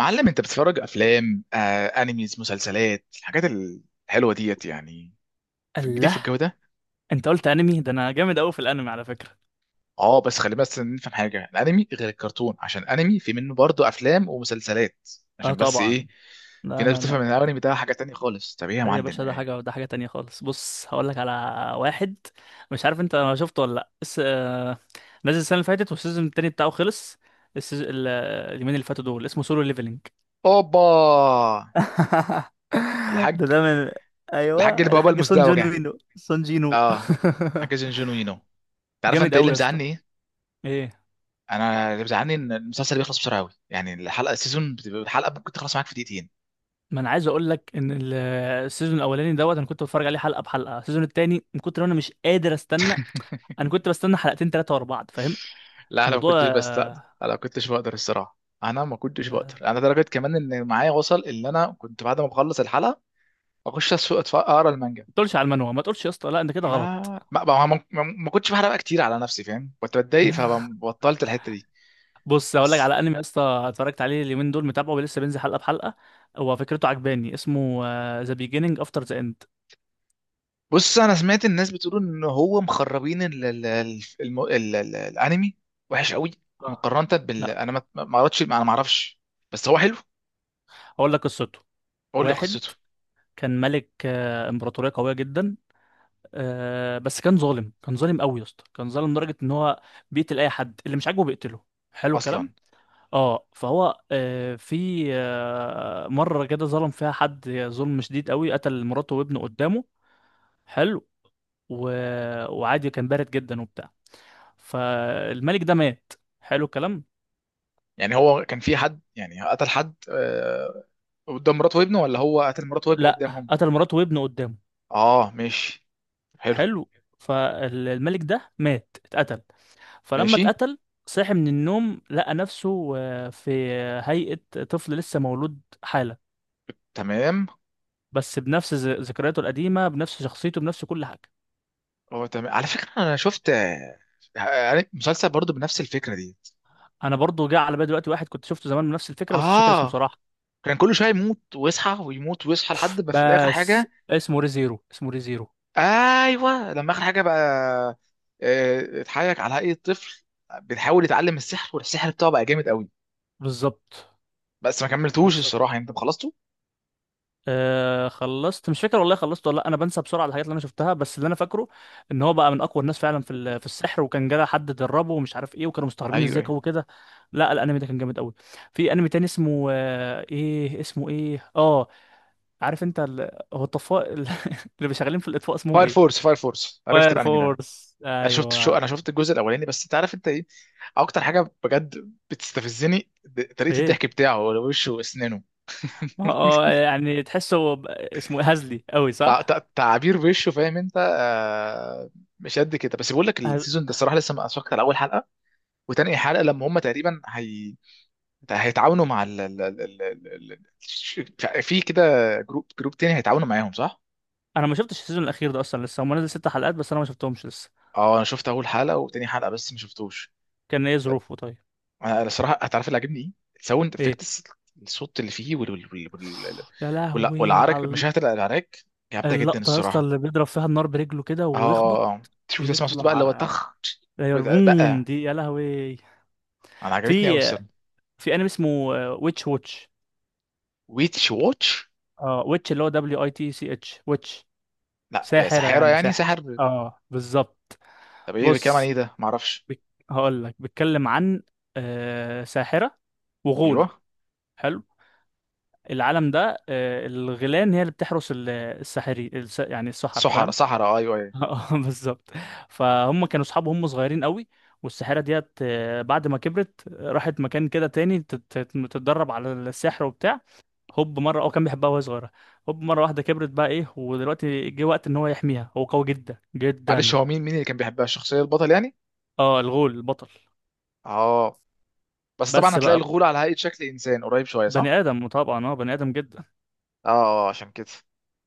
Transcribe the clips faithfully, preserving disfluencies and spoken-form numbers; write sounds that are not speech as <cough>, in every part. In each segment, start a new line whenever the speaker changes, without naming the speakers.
معلم، انت بتتفرج افلام، آه، انيميز، مسلسلات، الحاجات الحلوه ديت يعني في الجديد في
الله.
الجو ده.
انت قلت انمي، ده انا جامد قوي في الانمي على فكرة.
اه بس خلينا بس نفهم حاجه، الانمي غير الكرتون، عشان انمي في منه برضه افلام ومسلسلات،
اه،
عشان بس
طبعا.
ايه؟ في
لا،
ناس
لا، لا.
بتفهم ان الانمي ده حاجه تانية خالص. طب ايه يا
ده يا
معلم
باشا، ده
ايه؟
حاجة ده حاجة تانية خالص. بص هقول لك على واحد، مش عارف انت شفته ولا لا، بس آه، نزل السنة اللي فاتت والسيزون التاني بتاعه خلص. السيز- ال- اليومين اللي فاتوا دول اسمه سولو ليفلينج.
اوبا.
<laughs> ده
الحاج.
ده من ايوه،
الحاج اللي بابا
الحاج سون جون
المزدوجه.
وينو سون جينو.
اه. حاج جنجونو ينو انت.
<laughs>
عارف
جامد
انت ايه اللي
قوي يا
مزعلني؟
اسطى.
ايه؟
ايه؟
انا اللي مزعلني ان المسلسل بيخلص بسرعه قوي، يعني الحلقه السيزون بتبقى- الحلقه ممكن تخلص معاك في دقيقتين.
ما انا عايز اقول لك ان ال- السيزون الاولاني دوت انا كنت بتفرج عليه حلقه بحلقه، السيزون التاني من كتر ما انا مش قادر استنى، انا كنت بستنى حلقتين ثلاثه ورا بعض فاهم
لا انا ما
الموضوع؟
كنتش
آه،
بستقدر، انا ما كنتش بقدر الصراحه. انا ما كنتش بقدر، انا درجه كمان ان معايا وصل ان انا كنت بعد ما بخلص الحلقه اخش اسوق أتف- اقرا المانجا.
ما تقولش على المنوع، ما تقولش يا اسطى، لا انت كده
ما
غلط.
ما ما, ما, ما ما كنتش بحرق بقى كتير على نفسي، فاهم؟ كنت بتضايق
<laughs>
فبطلت الحته دي.
بص هقول لك
بس
على انمي يا اسطى، اتفرجت عليه اليومين دول متابعه ولسه بينزل حلقه بحلقه. هو فكرته عجباني، اسمه ذا بيجيننج افتر ذا اند.
بص، انا سمعت الناس بتقول ان هو مخربين ال ال ال الم- ال ال الانمي وحش قوي مقارنه بال،
لا،
انا ما ما قريتش، انا ما اعرفش، بس هو حلو.
هقول لك قصته.
قول لي
واحد
قصته.
كان ملك آه، امبراطوريه قويه جدا، آه بس كان ظالم، كان ظالم قوي يا اسطى، كان ظالم لدرجه ان هو بيقتل اي حد اللي مش عاجبه، بيقتله. حلو الكلام.
اصلا
اه، فهو آه في آه مره كده ظلم فيها حد ظلم شديد قوي، قتل مراته وابنه قدامه. حلو. و... وعادي، كان بارد جدا وبتاع. فالملك ده مات. حلو الكلام.
يعني هو كان في حد يعني قتل حد، آه، قدام مراته وابنه، ولا هو قتل مراته وابنه
لا،
قدامهم؟
قتل مراته وابنه قدامه.
اه ماشي. حلو.
حلو. فالملك ده مات، اتقتل. فلما
ماشي.
اتقتل، صاح من النوم لقى نفسه آه، في هيئة طفل لسه مولود حالا،
تمام.
بس بنفس ذ- ذكرياته القديمة، بنفس شخصيته، بنفس كل حاجة.
هو تمام على فكرة. انا شفت، آه، آه، مسلسل برضو بنفس الفكرة دي.
انا برضو جه على بالي دلوقتي واحد كنت شفته زمان بنفس الفكرة، بس مش فاكر اسمه
اه
صراحة.
كان كل شوية يموت ويصحى ويموت ويصحى لحد ما في الاخر
بس
حاجة.
اسمه ريزيرو، اسمه ريزيرو.
ايوه لما اخر حاجة بقى، آه، اتحايك على هيئة طفل، بيحاول يتعلم السحر، والسحر بتاعه بقى جامد قوي.
بالظبط.
بس ما كملتوش الصراحة،
بالظبط.
يعني انت خلصته؟
آه، خلصت مش فاكر والله، خلصت ولا لا، انا بنسى بسرعه الحاجات اللي انا شفتها، بس اللي انا فاكره ان هو بقى من اقوى الناس فعلا في ال- في السحر، وكان جاله حد دربه ومش عارف ايه، وكانوا مستغربين
ايوه
ازاي
ايوه.
هو كده. لا الانمي ده كان جامد قوي. في انمي تاني اسمه آه ايه اسمه ايه اه عارف انت ال... هو الطفاء ال- <laughs> اللي بيشغالين في الاطفاء اسمهم
فاير
ايه؟
فورس. فاير فورس، عرفت
فاير
الانمي ده.
فورس،
انا شفت شو،
ايوه.
انا شفت الجزء الاولاني. بس انت عارف انت ايه؟ اكتر حاجه بجد بتستفزني د- طريقه
ايه؟
الضحك بتاعه، وشه واسنانه.
ما
<laughs>
هو آه، يعني تحسه ب- اسمه إيه؟ هزلي قوي
تع-
صح؟
تع- تعابير وشه، فاهم انت؟ آه. مش قد كده. بس بقول لك
هز...
السيزون ده الصراحه لسه ما اتفرجت على اول حلقه وتاني حلقه، لما هم تقريبا هي... هيتعاونوا مع ال... ال... ال... ال... ال- ال- ش- في كده، جروب جروب تاني هيتعاونوا معاهم، صح؟
انا ما شفتش السيزون الاخير ده اصلا، لسه هم نزل ست حلقات بس، انا ما شفتهمش لسه.
اه انا شفت اول حلقه وتاني حلقه بس ما شفتوش.
كان ايه ظروفه طيب؟
انا الصراحه هتعرف اللي عاجبني ايه؟ الساوند
إيه؟
افكتس، الصوت اللي فيه وال وال وال وال
يا
وال-
لهوي
والعرك،
على
المشاهد، العراك، جامده جدا
اللقطة يا اسطى
الصراحه.
اللي بيضرب فيها النار برجله كده ويخبط.
اه تشوف، تسمع صوت بقى اللي هو
بيطلع.
طخ
ايوه البوم
بقى.
دي، يا لهوي.
انا عجبتني قوي
في
الصراحه.
في انمي اسمه ويتش واتش.
ويتش واتش.
اه، ويتش اللي هو دبليو اي تي سي اتش، ويتش.
لا يا
ساحرة
سحاره،
يعني
يعني
ساحر،
ساحر.
اه بالظبط.
طب ايه بيتكلم عن
بص،
ايه ده؟ ما اعرفش.
بك... هقول لك بيتكلم عن آه ساحرة
ايوه
وغول. حلو. العالم ده آه الغيلان هي اللي بتحرس ال- الساحري الس... يعني السحرة
سحر
فاهم.
سحرة ايوه ايوه.
اه <laughs> بالظبط. فهم كانوا اصحاب وهم صغيرين قوي، والساحره ديت آه، بعد ما كبرت آه، راحت مكان كده تاني تت- تت- تتدرب على السحر وبتاع. هوب مره، اه كان بيحبها وهي صغيره. هوب مره واحده كبرت بقى ايه، ودلوقتي جه وقت ان هو يحميها، هو قوي جدا
معلش،
جدا.
هو مين مين اللي كان بيحبها؟ الشخصيه البطل يعني.
اه الغول البطل.
اه، بس طبعا
بس
هتلاقي
بقى
الغول على هيئه شكل انسان قريب شويه،
بني
صح؟
ادم طبعا، اه بني ادم جدا.
اه، آه، عشان كده.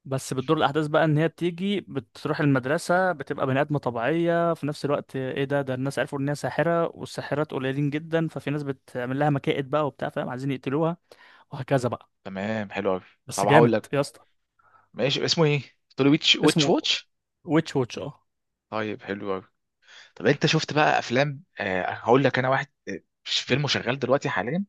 بس بتدور الاحداث بقى ان هي بتيجي بتروح المدرسه، بتبقى بني ادمه طبيعيه في نفس الوقت، ايه ده، ده الناس عرفوا ان هي ساحره، والساحرات قليلين جدا، ففي ناس بتعمل لها مكائد بقى وبتاع فاهم، عايزين يقتلوها. وهكذا بقى.
تمام حلو قوي.
بس
طب هقول
جامد
لك،
يا اسطى.
ماشي اسمه ايه؟ تقول لي ويتش ويتش
اسمه
واتش؟
ويتش ووتش، اه.
طيب حلو قوي. طب انت شفت بقى افلام؟ آه، هقول لك انا واحد، فيلم شغال دلوقتي حاليا،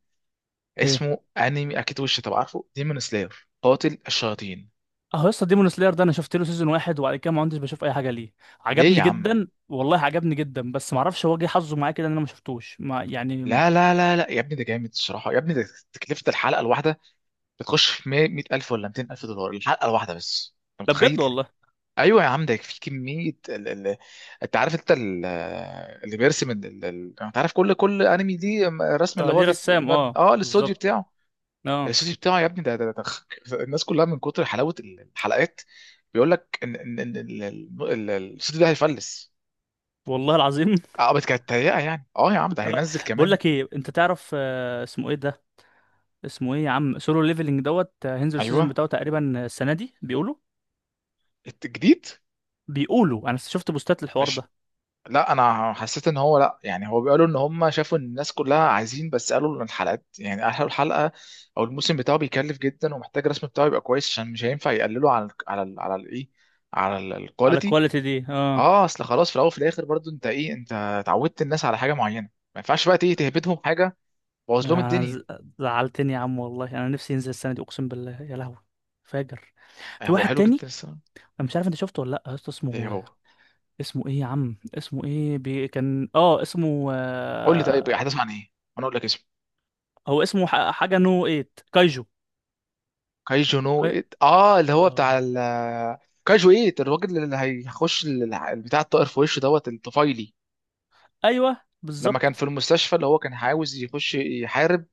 ايه؟
اسمه انمي اكيد وش. طب عارفه ديمون سلاير، قاتل الشياطين؟
اه يا اسطى ديمون سلاير ده انا شفت له سيزون واحد، وبعد كده ما عدتش بشوف اي حاجه ليه.
ليه
عجبني
يا عم؟
جدا والله، عجبني جدا، بس ما اعرفش هو جه حظه معايا كده ان انا ما شفتوش ما يعني.
لا لا لا لا يا ابني ده جامد الصراحه يا ابني. ده تكلفه الحلقه الواحده بتخش في مائة ألف ولا مئتين ألف دولار الحلقه الواحده، بس انت
ده بجد
متخيل؟
والله.
ايوه يا عم ده في كميه ال... ال... انت عارف انت ال... اللي بيرسم ال... ال... ال- انت عارف كل كل انمي دي رسم،
اه
اللي هو
ليه
بيت...
رسام، اه
اه الاستوديو
بالظبط.
بتاعه.
اه.
الاستوديو بتاعه يا ابني، ده, ده, ده <laughs> الناس كلها من كتر حلاوه الحلقات بيقول لك ان ان ان ال- ال- ال- الاستوديو ده هيفلس.
والله العظيم.
اه بس كانت تهيئه يعني. اه يا عم ده
آه،
هينزل
بقول
كمان.
لك ايه، انت تعرف آه، اسمه ايه ده؟ اسمه ايه يا عم؟ سولو ليفلنج دوت آه، هينزل السيزون
ايوه
بتاعه تقريبا السنه دي بيقولوا.
الجديد.
بيقولوا، انا شفت بوستات الحوار
مش...
ده.
لا انا حسيت ان هو، لا، يعني هو بيقولوا ان هم شافوا ان الناس كلها عايزين، بس قالوا ان الحلقات يعني، قالوا الحلقه او الموسم بتاعه بيكلف جدا، ومحتاج الرسم بتاعه يبقى كويس، عشان مش هينفع يقللوا على ال على ال على الايه، على
على
الكواليتي.
الكواليتي دي، اه.
اه اصل خلاص، في الاول وفي الاخر برضو، انت ايه، انت اتعودت الناس على حاجه معينه، ما ينفعش بقى ايه تهبدهم حاجه، تبوظ لهم
أنا ز-
الدنيا.
زعلتني يا عم والله، انا نفسي ينزل السنه دي اقسم بالله، يا لهوي. فاجر.
آه
في
هو
واحد
حلو جدا
تاني،
الصراحه.
انا مش عارف انت شفته ولا لا يا اسطى،
ايه
اسمه،
هو؟
اسمه ايه يا عم؟ اسمه ايه؟ بي... كان، اه اسمه
قول لي طيب
آه،
احداث عن ايه، انا اقول لك اسمه.
هو اسمه ح- حاجه نو تمانية كايجو.
كايجو نو
كاي...
إيت، اه اللي هو
آه.
بتاع ال. كايجو ايت، الراجل اللي هيخش ال- بتاع الطائر في وشه، دوت الطفيلي،
ايوه
لما كان في
بالظبط.
المستشفى، اللي هو كان عاوز يخش يحارب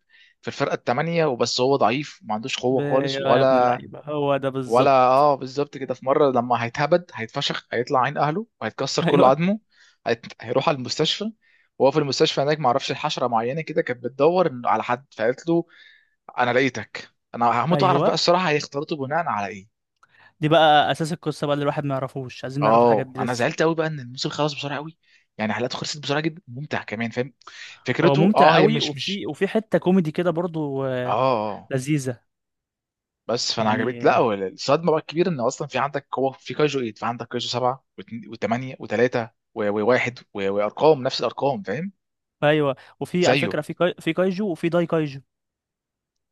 في الفرقه الثمانيه، وبس هو ضعيف ما عندوش
ب-
قوه خالص،
يا ابن
ولا
اللعيبة هو ده
ولا
بالظبط. <laughs>
اه بالظبط كده. في مره لما هيتهبد هيتفشخ، هيطلع عين اهله وهيتكسر كل
ايوه
عظمه، هيت... هيروح على المستشفى. وهو في المستشفى هناك، ما اعرفش، حشره معينه كده كانت بتدور إن- على حد، فقالت له انا لقيتك. انا هموت اعرف
ايوه.
بقى الصراحه هيختلطوا بناء على ايه.
دي بقى اساس القصة بقى اللي الواحد ما يعرفوش، عايزين نعرف الحاجات
اه
دي
انا
لسه.
زعلت قوي بقى ان الموسم خلص بسرعه قوي، يعني حلقاته خلصت بسرعه جدا، ممتع كمان، فاهم؟
هو
فكرته
ممتع
اه، هي
قوي،
مش مش.
وفي وفي حتة كوميدي كده برضو
اه.
آه،
آه. آه.
لذيذة.
بس فانا
يعني
عجبت. لا،
آه،
هو الصدمه بقى الكبيره، ان اصلا في عندك، هو في كايجو تمانية، في عندك كايجو سبعة و8 و3 و1، وارقام نفس الارقام، فاهم؟
ايوه. وفي على
زيه.
فكرة في كاي... في كايجو، وفي داي كايجو.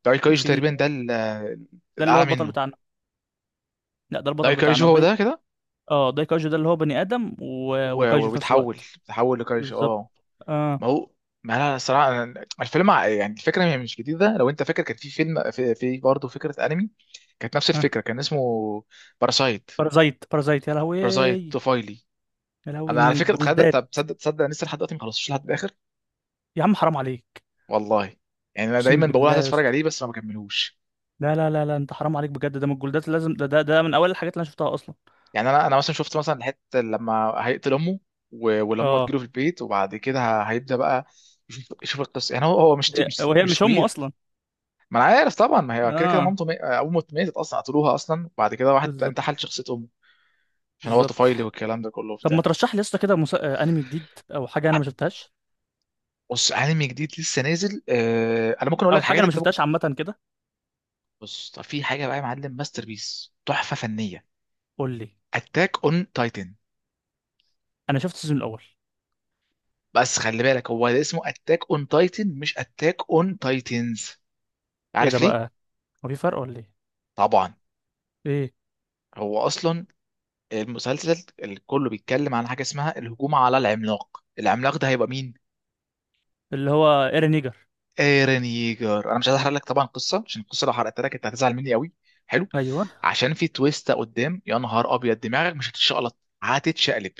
داي كايجو
وفي ال...
تقريبا ده ال-
ده اللي هو
الاعلى
البطل
منه.
بتاعنا. لا ده البطل
داي
بتاعنا
كايجو هو
داي.
ده كده،
اه داي كايجو ده اللي هو بني آدم و...
و-
وكايجو في نفس
وبيتحول
الوقت.
بيتحول لكايجو،
بالظبط.
اه.
اه.
ما هو، ما انا صراحه أنا- الفيلم ع- يعني الفكره هي مش جديده، لو انت فاكر كان في فيلم، في, في برضه فكره انمي كانت نفس
اه.
الفكره، كان اسمه باراسايت.
بارازايت، بارازايت، يا لهوي،
باراسايت
يا
طفيلي.
لهوي
انا على
من
فكره اتخيل.
الجلدان.
طب تصدق، تصدق أنا لسه لحد دلوقتي ما خلصتش لحد الاخر؟
يا عم حرام عليك.
والله. يعني انا
اقسم
دايما بقول
بالله
عايز
يا
اتفرج
اسطى.
عليه بس ما بكملوش.
لا لا لا لا، انت حرام عليك بجد، ده من الجولدات لازم، ده ده, ده من اول الحاجات اللي انا شفتها اصلا.
يعني انا انا مثلا شفت مثلا الحته لما هيقتل امه، و- ولما
اه
تجيله في البيت، وبعد كده ه- هيبدا بقى يشوف يشوف القصه، يعني هو هو مش
هي-
مش
وهي
مش
مش امه
سكوير.
اصلا.
ما انا عارف طبعا، ما هي كده كده
اه
مامته، مي... امه ماتت اصلا، قتلوها اصلا، وبعد كده واحد بقى
بالظبط.
انتحل شخصيه امه، عشان هو
بالظبط.
طفيلي، والكلام ده كله
طب ما
وبتاع.
ترشح لي يا اسطى كده، مس... آه، انمي جديد او حاجه انا ما شفتهاش،
بص انمي جديد لسه نازل، آه... انا ممكن اقول لك
او حاجه
حاجات
انا ما
انت ممكن.
شفتهاش عامه كده.
بص طب في حاجه بقى يا معلم، ماستر بيس، تحفه فنيه،
قول لي.
اتاك اون تايتن.
انا شفت السيزون الاول.
بس خلي بالك هو ده اسمه اتاك اون تايتن، مش اتاك اون تايتنز،
ايه ده
عارف ليه؟
بقى؟ هو في فرق ولا ايه؟
طبعا.
ايه؟
هو اصلا المسلسل اللي كله بيتكلم عن حاجه اسمها الهجوم على العملاق، العملاق ده هيبقى مين؟
اللي هو ايرين نيجر.
ايرن ييجر. انا مش عايز احرق لك طبعا قصه، عشان القصه لو حرقت لك انت هتزعل مني قوي. حلو.
ايوه.
عشان في تويستا قدام، يا نهار ابيض، دماغك مش هتتشقلط، هتتشقلب،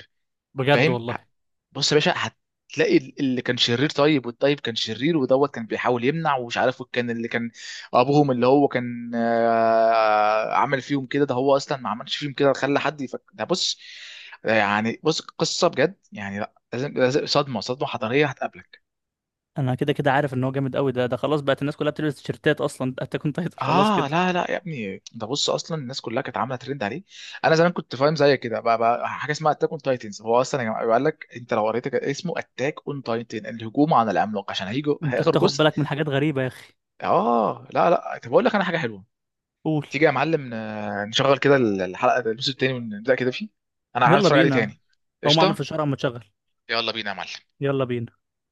بجد
فاهم؟ ه-
والله.
بص يا باشا، هتلاقي ال- اللي كان شرير طيب، والطيب كان شرير، ودوت كان بيحاول يمنع، ومش عارف كان اللي كان ابوهم، اللي هو كان، آه، عمل فيهم كده، ده هو اصلا ما عملش فيهم كده، خلى حد يفكر ده. بص، يعني بص، قصة بجد، يعني لا لازم لازم- صدمة صدمة حضارية هتقابلك.
انا كده كده عارف ان هو جامد قوي ده ده خلاص، بقت الناس كلها بتلبس تيشيرتات اصلا اتاك اون تايتل، خلاص
اه
كده.
لا لا يا ابني، ده بص اصلا الناس كلها كانت عامله ترند عليه. انا زمان كنت فاهم زي كده بقى, بقى حاجه اسمها اتاك اون تايتنز، هو اصلا يا جماعه قال لك، انت لو قريت كده اسمه اتاك اون تايتن، الهجوم على العملاق، عشان هيجوا
انت
هياخر
بتاخد
جزء.
بالك من حاجات غريبه يا اخي.
اه لا لا، طب اقول لك انا حاجه حلوه.
قول.
تيجي يا معلم ن- نشغل كده الحلقه الجزء التاني ونبدا كده فيه، انا عايز
يلا
اتفرج عليه
بينا.
تاني.
هو ما اعمل
قشطه.
في الشارع اما تشغل.
يلا بينا يا معلم.
يلا بينا.